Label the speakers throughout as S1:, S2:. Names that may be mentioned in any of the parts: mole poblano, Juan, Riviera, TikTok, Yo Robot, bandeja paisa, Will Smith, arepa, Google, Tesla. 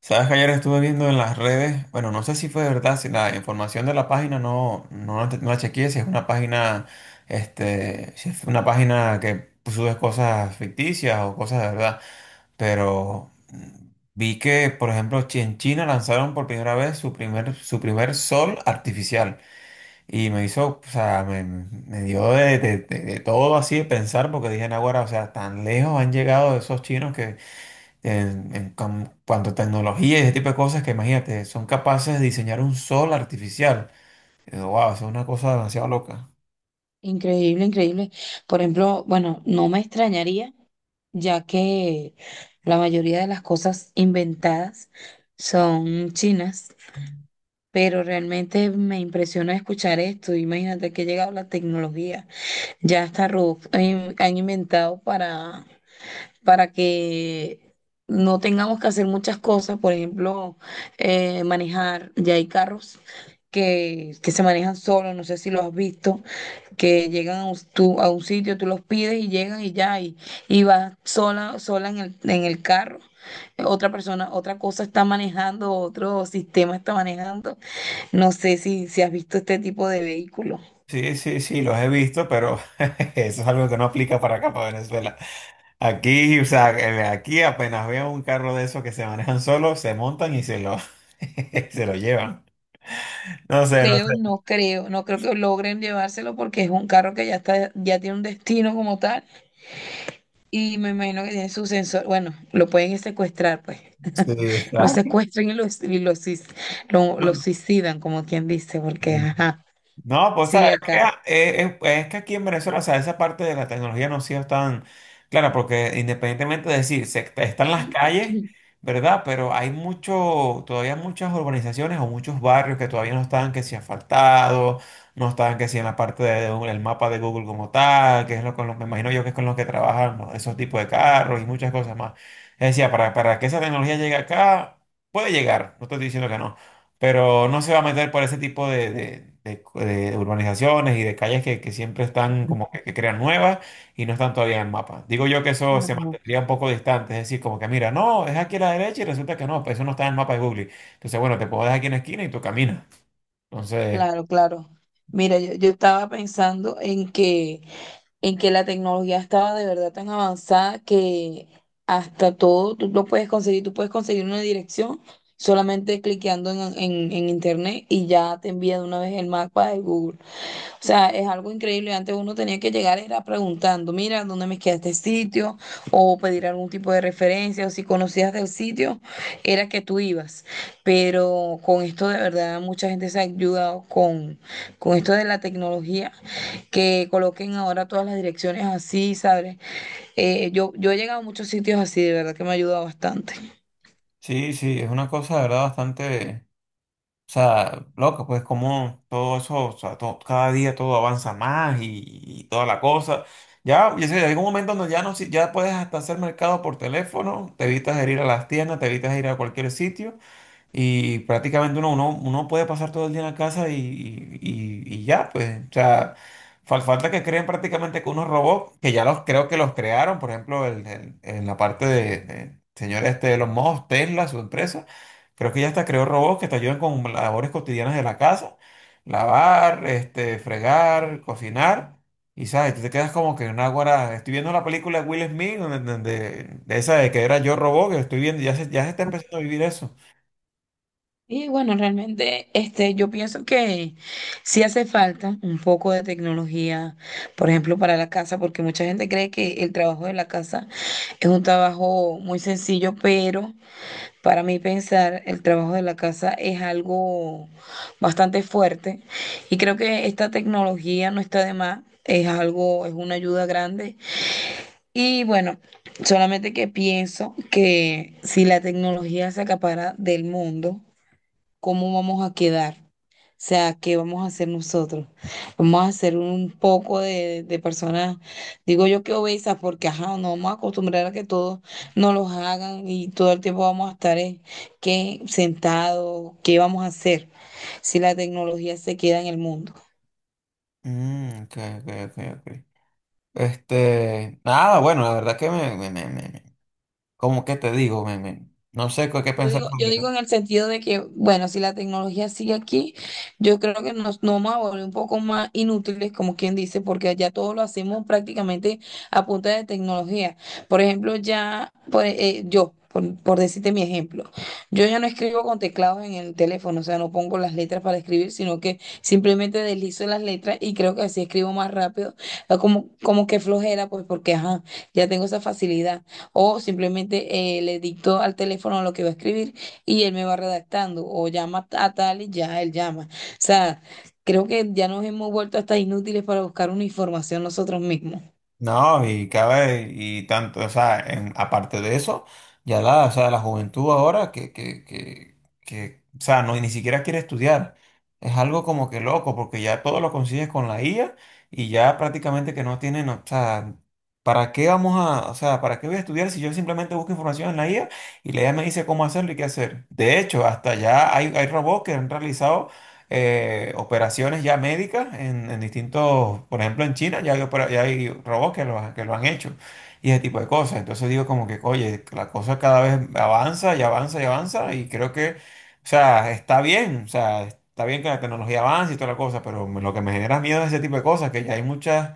S1: Sabes que ayer estuve viendo en las redes, bueno, no sé si fue verdad, si la información de la página no, no, no la chequeé, si es una página, si es una página que sube cosas ficticias o cosas de verdad, pero vi que, por ejemplo, en China lanzaron por primera vez su primer sol artificial y me hizo, o sea, me dio de todo así de pensar porque dije, ahora, o sea, tan lejos han llegado esos chinos en, en cuanto a tecnología y ese tipo de cosas que imagínate, son capaces de diseñar un sol artificial. Wow, es una cosa demasiado loca.
S2: Increíble, increíble. Por ejemplo, bueno, no me extrañaría, ya que la mayoría de las cosas inventadas son chinas, pero realmente me impresiona escuchar esto. Imagínate que ha llegado la tecnología. Ya hasta robots han inventado para que no tengamos que hacer muchas cosas, por ejemplo, manejar. Ya hay carros que se manejan solos, no sé si lo has visto que llegan a a un sitio, tú los pides y llegan y ya, y vas sola, sola en en el carro. Otra persona, otra cosa está manejando, otro sistema está manejando. No sé si has visto este tipo de vehículo.
S1: Sí, sí, sí, los he visto, pero eso es algo que no aplica para acá, para Venezuela. Aquí, o sea, aquí apenas veo un carro de esos que se manejan solos, se montan y se lo, se lo llevan. No sé, no
S2: Creo,
S1: sé.
S2: no creo que logren llevárselo porque es un carro que ya está, ya tiene un destino como tal y me imagino que tiene su sensor. Bueno, lo pueden secuestrar, pues.
S1: Sí,
S2: Lo
S1: exacto.
S2: secuestran y lo
S1: No,
S2: suicidan, como quien dice,
S1: sí.
S2: porque,
S1: Sí.
S2: ajá,
S1: No, pues
S2: sí,
S1: sabes que,
S2: acá.
S1: pues, es que aquí en Venezuela, o sea, esa parte de la tecnología no ha sido tan clara, porque independientemente de decir, están las calles, ¿verdad? Pero hay mucho, todavía muchas urbanizaciones o muchos barrios que todavía no están que si asfaltados, no están que si en la parte del mapa de Google como tal, que es lo con lo, me imagino yo que es con los que trabajan, ¿no? Esos tipos de carros y muchas cosas más. Es decir, para que esa tecnología llegue acá, puede llegar, no estoy diciendo que no, pero no se va a meter por ese tipo de urbanizaciones y de calles que siempre están como que crean nuevas y no están todavía en el mapa. Digo yo que eso se
S2: No,
S1: mantendría un poco distante, es decir, como que mira, no, es aquí a la derecha y resulta que no, pues eso no está en el mapa de Google. Entonces, bueno, te puedo dejar aquí en la esquina y tú caminas. Entonces,
S2: claro, claro. Mira, yo estaba pensando en que la tecnología estaba de verdad tan avanzada que hasta todo tú lo puedes conseguir, tú puedes conseguir una dirección solamente cliqueando en internet y ya te envía de una vez el mapa de Google. O sea, es algo increíble. Antes uno tenía que llegar era preguntando, mira, ¿dónde me queda este sitio? O pedir algún tipo de referencia, o si conocías del sitio, era que tú ibas. Pero con esto de verdad mucha gente se ha ayudado con esto de la tecnología, que coloquen ahora todas las direcciones así, ¿sabes? Yo he llegado a muchos sitios así, de verdad que me ha ayudado bastante.
S1: Sí, sí, es una cosa, de verdad, bastante. O sea, loco, pues como todo eso, o sea, cada día todo avanza más y toda la cosa. Ya sé, hay un momento donde ya no, ya puedes hasta hacer mercado por teléfono, te evitas de ir a las tiendas, te evitas de ir a cualquier sitio y prácticamente uno puede pasar todo el día en la casa y ya, pues, o sea, falta que creen prácticamente que unos robots, que ya los creo que los crearon, por ejemplo, en la parte de señor de los mojos, Tesla, su empresa, creo que ya hasta creó robots que te ayudan con labores cotidianas de la casa, lavar, fregar, cocinar. Y sabes, tú te quedas como que una guara. Estoy viendo la película de Will Smith, donde, de esa de que era Yo Robot, que estoy viendo, ya se está empezando a vivir eso.
S2: Y bueno, realmente este, yo pienso que sí hace falta un poco de tecnología, por ejemplo, para la casa, porque mucha gente cree que el trabajo de la casa es un trabajo muy sencillo, pero para mí pensar, el trabajo de la casa es algo bastante fuerte y creo que esta tecnología no está de más, es algo, es una ayuda grande. Y bueno, solamente que pienso que si la tecnología se acapara del mundo, ¿cómo vamos a quedar? O sea, ¿qué vamos a hacer nosotros? Vamos a hacer un poco de personas, digo yo que obesas, porque ajá, nos vamos a acostumbrar a que todos nos los hagan y todo el tiempo vamos a estar que sentados, ¿qué vamos a hacer si la tecnología se queda en el mundo?
S1: Mm, ok, ok, ok, ok. Nada, bueno, la verdad que como que te digo, no sé qué pensar.
S2: Yo digo en el sentido de que, bueno, si la tecnología sigue aquí, yo creo que nos, nos vamos a volver un poco más inútiles, como quien dice, porque ya todo lo hacemos prácticamente a punta de tecnología. Por ejemplo, por decirte mi ejemplo, yo ya no escribo con teclados en el teléfono, o sea, no pongo las letras para escribir, sino que simplemente deslizo las letras y creo que así escribo más rápido, como que flojera, pues porque, ajá, ya tengo esa facilidad. O simplemente le dicto al teléfono lo que va a escribir y él me va redactando. O llama a tal y ya él llama. O sea, creo que ya nos hemos vuelto hasta inútiles para buscar una información nosotros mismos.
S1: No, y cabe, y tanto, o sea, aparte de eso, ya la, o sea, la juventud ahora o sea, no, ni siquiera quiere estudiar. Es algo como que loco, porque ya todo lo consigues con la IA y ya prácticamente que no tienen, o sea, ¿para qué vamos a, o sea, para qué voy a estudiar si yo simplemente busco información en la IA y la IA me dice cómo hacerlo y qué hacer? De hecho, hasta ya hay robots que han realizado operaciones ya médicas en distintos, por ejemplo en China ya hay robots que lo han hecho y ese tipo de cosas. Entonces digo como que, oye, la cosa cada vez avanza y avanza y avanza y creo que, o sea, está bien, o sea, está bien que la tecnología avance y toda la cosa, pero lo que me genera miedo es ese tipo de cosas, que ya hay muchas,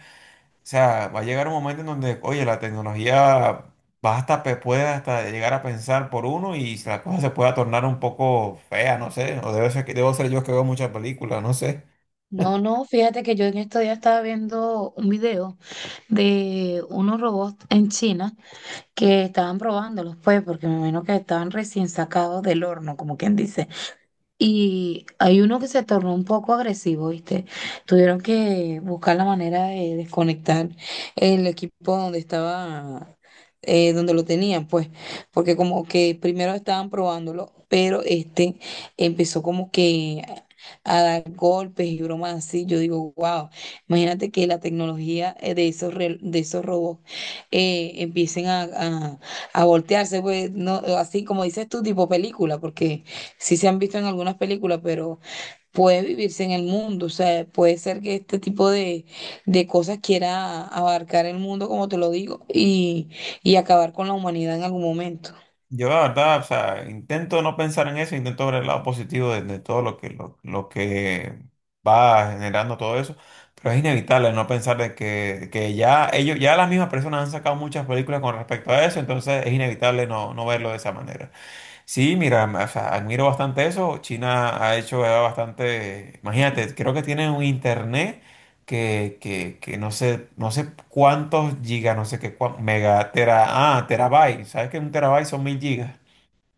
S1: o sea, va a llegar un momento en donde, oye, la tecnología va hasta, puede hasta llegar a pensar por uno y la cosa se puede tornar un poco fea, no sé, o debe ser, debo ser yo que veo muchas películas, no sé.
S2: No, no, fíjate que yo en estos días estaba viendo un video de unos robots en China que estaban probándolos, pues, porque me imagino que estaban recién sacados del horno, como quien dice. Y hay uno que se tornó un poco agresivo, ¿viste? Tuvieron que buscar la manera de desconectar el equipo donde estaba, donde lo tenían, pues, porque como que primero estaban probándolo, pero este empezó como que a dar golpes y bromas así. Yo digo, wow, imagínate que la tecnología de esos robots empiecen a voltearse, pues, no, así como dices tú, tipo película, porque sí se han visto en algunas películas, pero puede vivirse en el mundo. O sea, puede ser que este tipo de cosas quiera abarcar el mundo, como te lo digo, y acabar con la humanidad en algún momento.
S1: Yo la verdad, o sea, intento no pensar en eso, intento ver el lado positivo de todo lo que, lo que va generando todo eso, pero es inevitable no pensar de que ya ellos, ya las mismas personas han sacado muchas películas con respecto a eso, entonces es inevitable no, no verlo de esa manera. Sí, mira, o sea, admiro bastante eso. China ha hecho ya bastante, imagínate, creo que tienen un internet que no sé, no sé cuántos gigas, no sé qué, mega, tera, ah, terabyte, ¿sabes que un terabyte son 1000 gigas?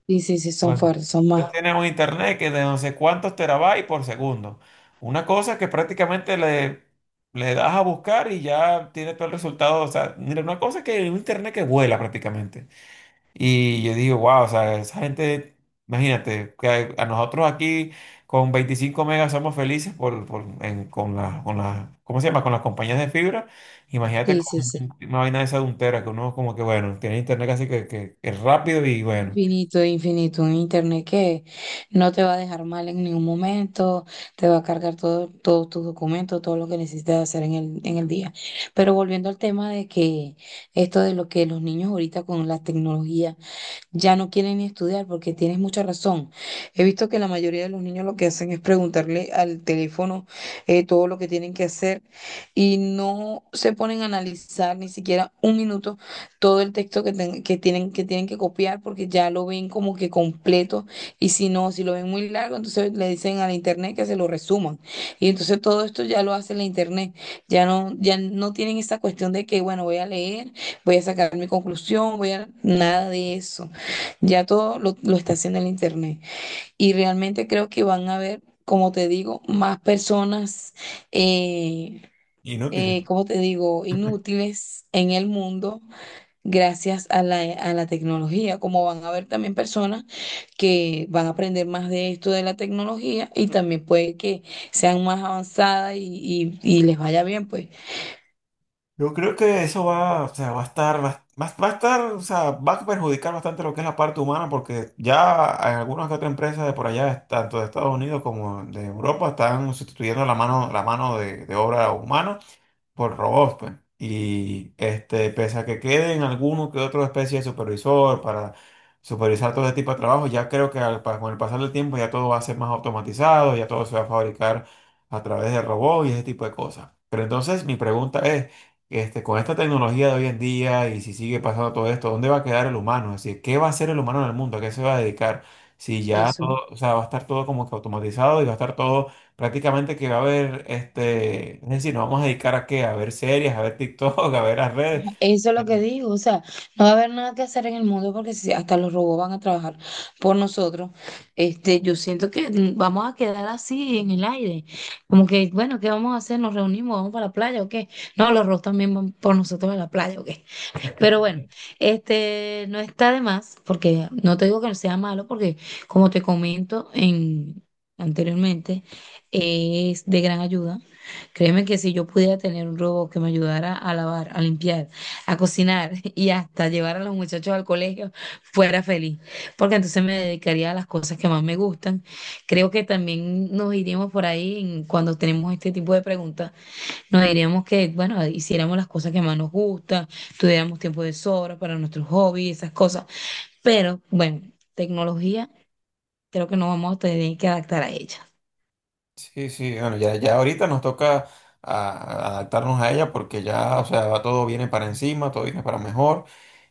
S2: Sí, sí, sí, son
S1: Bueno,
S2: fuertes, son
S1: ellos
S2: más.
S1: tienen un internet que de no sé cuántos terabytes por segundo. Una cosa que prácticamente le das a buscar y ya tienes todo el resultado. O sea, mira, una cosa que un internet que vuela prácticamente. Y yo digo, wow, o sea, esa gente, imagínate, que a nosotros aquí con 25 megas somos felices con las, ¿cómo se llama? Con las compañías de fibra. Imagínate
S2: Sí, sí,
S1: con
S2: sí.
S1: una vaina de esa de un tera, que uno como que, bueno, tiene internet casi que, que es rápido y bueno,
S2: Infinito, infinito. Un internet que no te va a dejar mal en ningún momento, te va a cargar todo, todos tus documentos, todo lo que necesites hacer en en el día. Pero volviendo al tema de que esto de lo que los niños ahorita con la tecnología ya no quieren ni estudiar porque tienes mucha razón. He visto que la mayoría de los niños lo que hacen es preguntarle al teléfono todo lo que tienen que hacer y no se ponen a analizar ni siquiera un minuto todo el texto que tienen que copiar porque ya lo ven como que completo y si no, si lo ven muy largo, entonces le dicen a la internet que se lo resuman. Y entonces todo esto ya lo hace la internet. Ya no, ya no tienen esa cuestión de que, bueno, voy a leer, voy a sacar mi conclusión, voy a... Nada de eso. Ya todo lo está haciendo el Internet. Y realmente creo que van a haber, como te digo, más personas, eh,
S1: inútil.
S2: como te digo, inútiles en el mundo gracias a a la tecnología. Como van a haber también personas que van a aprender más de esto de la tecnología y también puede que sean más avanzadas y, y les vaya bien, pues.
S1: Yo creo que eso va, o sea, va a estar, va a estar, o sea, va a perjudicar bastante lo que es la parte humana, porque ya en algunas que otras empresas de por allá, tanto de Estados Unidos como de Europa, están sustituyendo la mano, la mano de obra humana por robots, pues. Y pese a que queden alguno que otro especie de supervisor para supervisar todo ese tipo de trabajo, ya creo que con el pasar del tiempo ya todo va a ser más automatizado, ya todo se va a fabricar a través de robots y ese tipo de cosas. Pero entonces mi pregunta es, con esta tecnología de hoy en día y si sigue pasando todo esto, ¿dónde va a quedar el humano? Es decir, ¿qué va a hacer el humano en el mundo? ¿A qué se va a dedicar? Si ya
S2: Eso.
S1: todo, o sea, va a estar todo como que automatizado y va a estar todo prácticamente que va a haber, es decir, nos vamos a dedicar a qué, a ver series, a ver TikTok, a ver las redes.
S2: Eso es lo que digo, o sea, no va a haber nada que hacer en el mundo porque si hasta los robots van a trabajar por nosotros, este, yo siento que vamos a quedar así en el aire, como que, bueno, ¿qué vamos a hacer? ¿Nos reunimos? ¿Vamos para la playa o qué? No, los robots también van por nosotros a la playa o qué. Pero bueno, este no está de más, porque no te digo que no sea malo, porque como te comento en, anteriormente, es de gran ayuda. Créeme que si yo pudiera tener un robot que me ayudara a lavar, a limpiar, a cocinar y hasta llevar a los muchachos al colegio, fuera feliz, porque entonces me dedicaría a las cosas que más me gustan. Creo que también nos iríamos por ahí en- cuando tenemos este tipo de preguntas nos diríamos que, bueno, hiciéramos las cosas que más nos gustan, tuviéramos tiempo de sobra para nuestros hobbies, esas cosas. Pero, bueno, tecnología, creo que nos vamos a tener que adaptar a ella.
S1: Sí, sí, bueno, ya ahorita nos toca adaptarnos a ella porque ya, o sea, todo viene para encima, todo viene para mejor.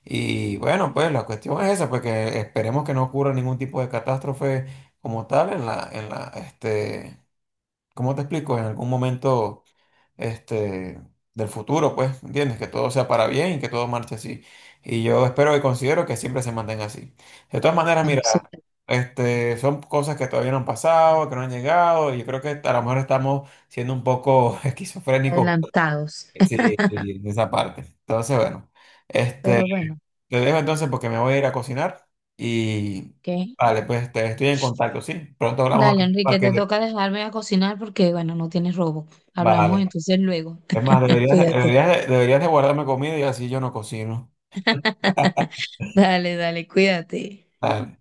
S1: Y bueno, pues la cuestión es esa, pues que esperemos que no ocurra ningún tipo de catástrofe como tal en la, ¿cómo te explico? En algún momento. este, del futuro, pues, ¿entiendes? Que todo sea para bien y que todo marche así. Y yo espero y considero que siempre se mantenga así. De todas maneras,
S2: Bueno, sí,
S1: mira, son cosas que todavía no han pasado, que no han llegado, y yo creo que a lo mejor estamos siendo un poco esquizofrénicos,
S2: adelantados.
S1: sí, sí, en esa parte. Entonces, bueno, este,
S2: Pero bueno,
S1: te dejo entonces porque me voy a ir a cocinar y,
S2: ¿qué?
S1: vale, pues te estoy en contacto, ¿sí? Pronto hablamos
S2: Dale,
S1: para
S2: Enrique,
S1: que,
S2: te toca dejarme a cocinar porque, bueno, no tienes robo. Hablamos
S1: vale.
S2: entonces luego.
S1: Es más, deberías, de-
S2: Cuídate.
S1: deberías, de- deberías de guardarme comida y así yo no cocino.
S2: Dale, dale, cuídate.
S1: Ah,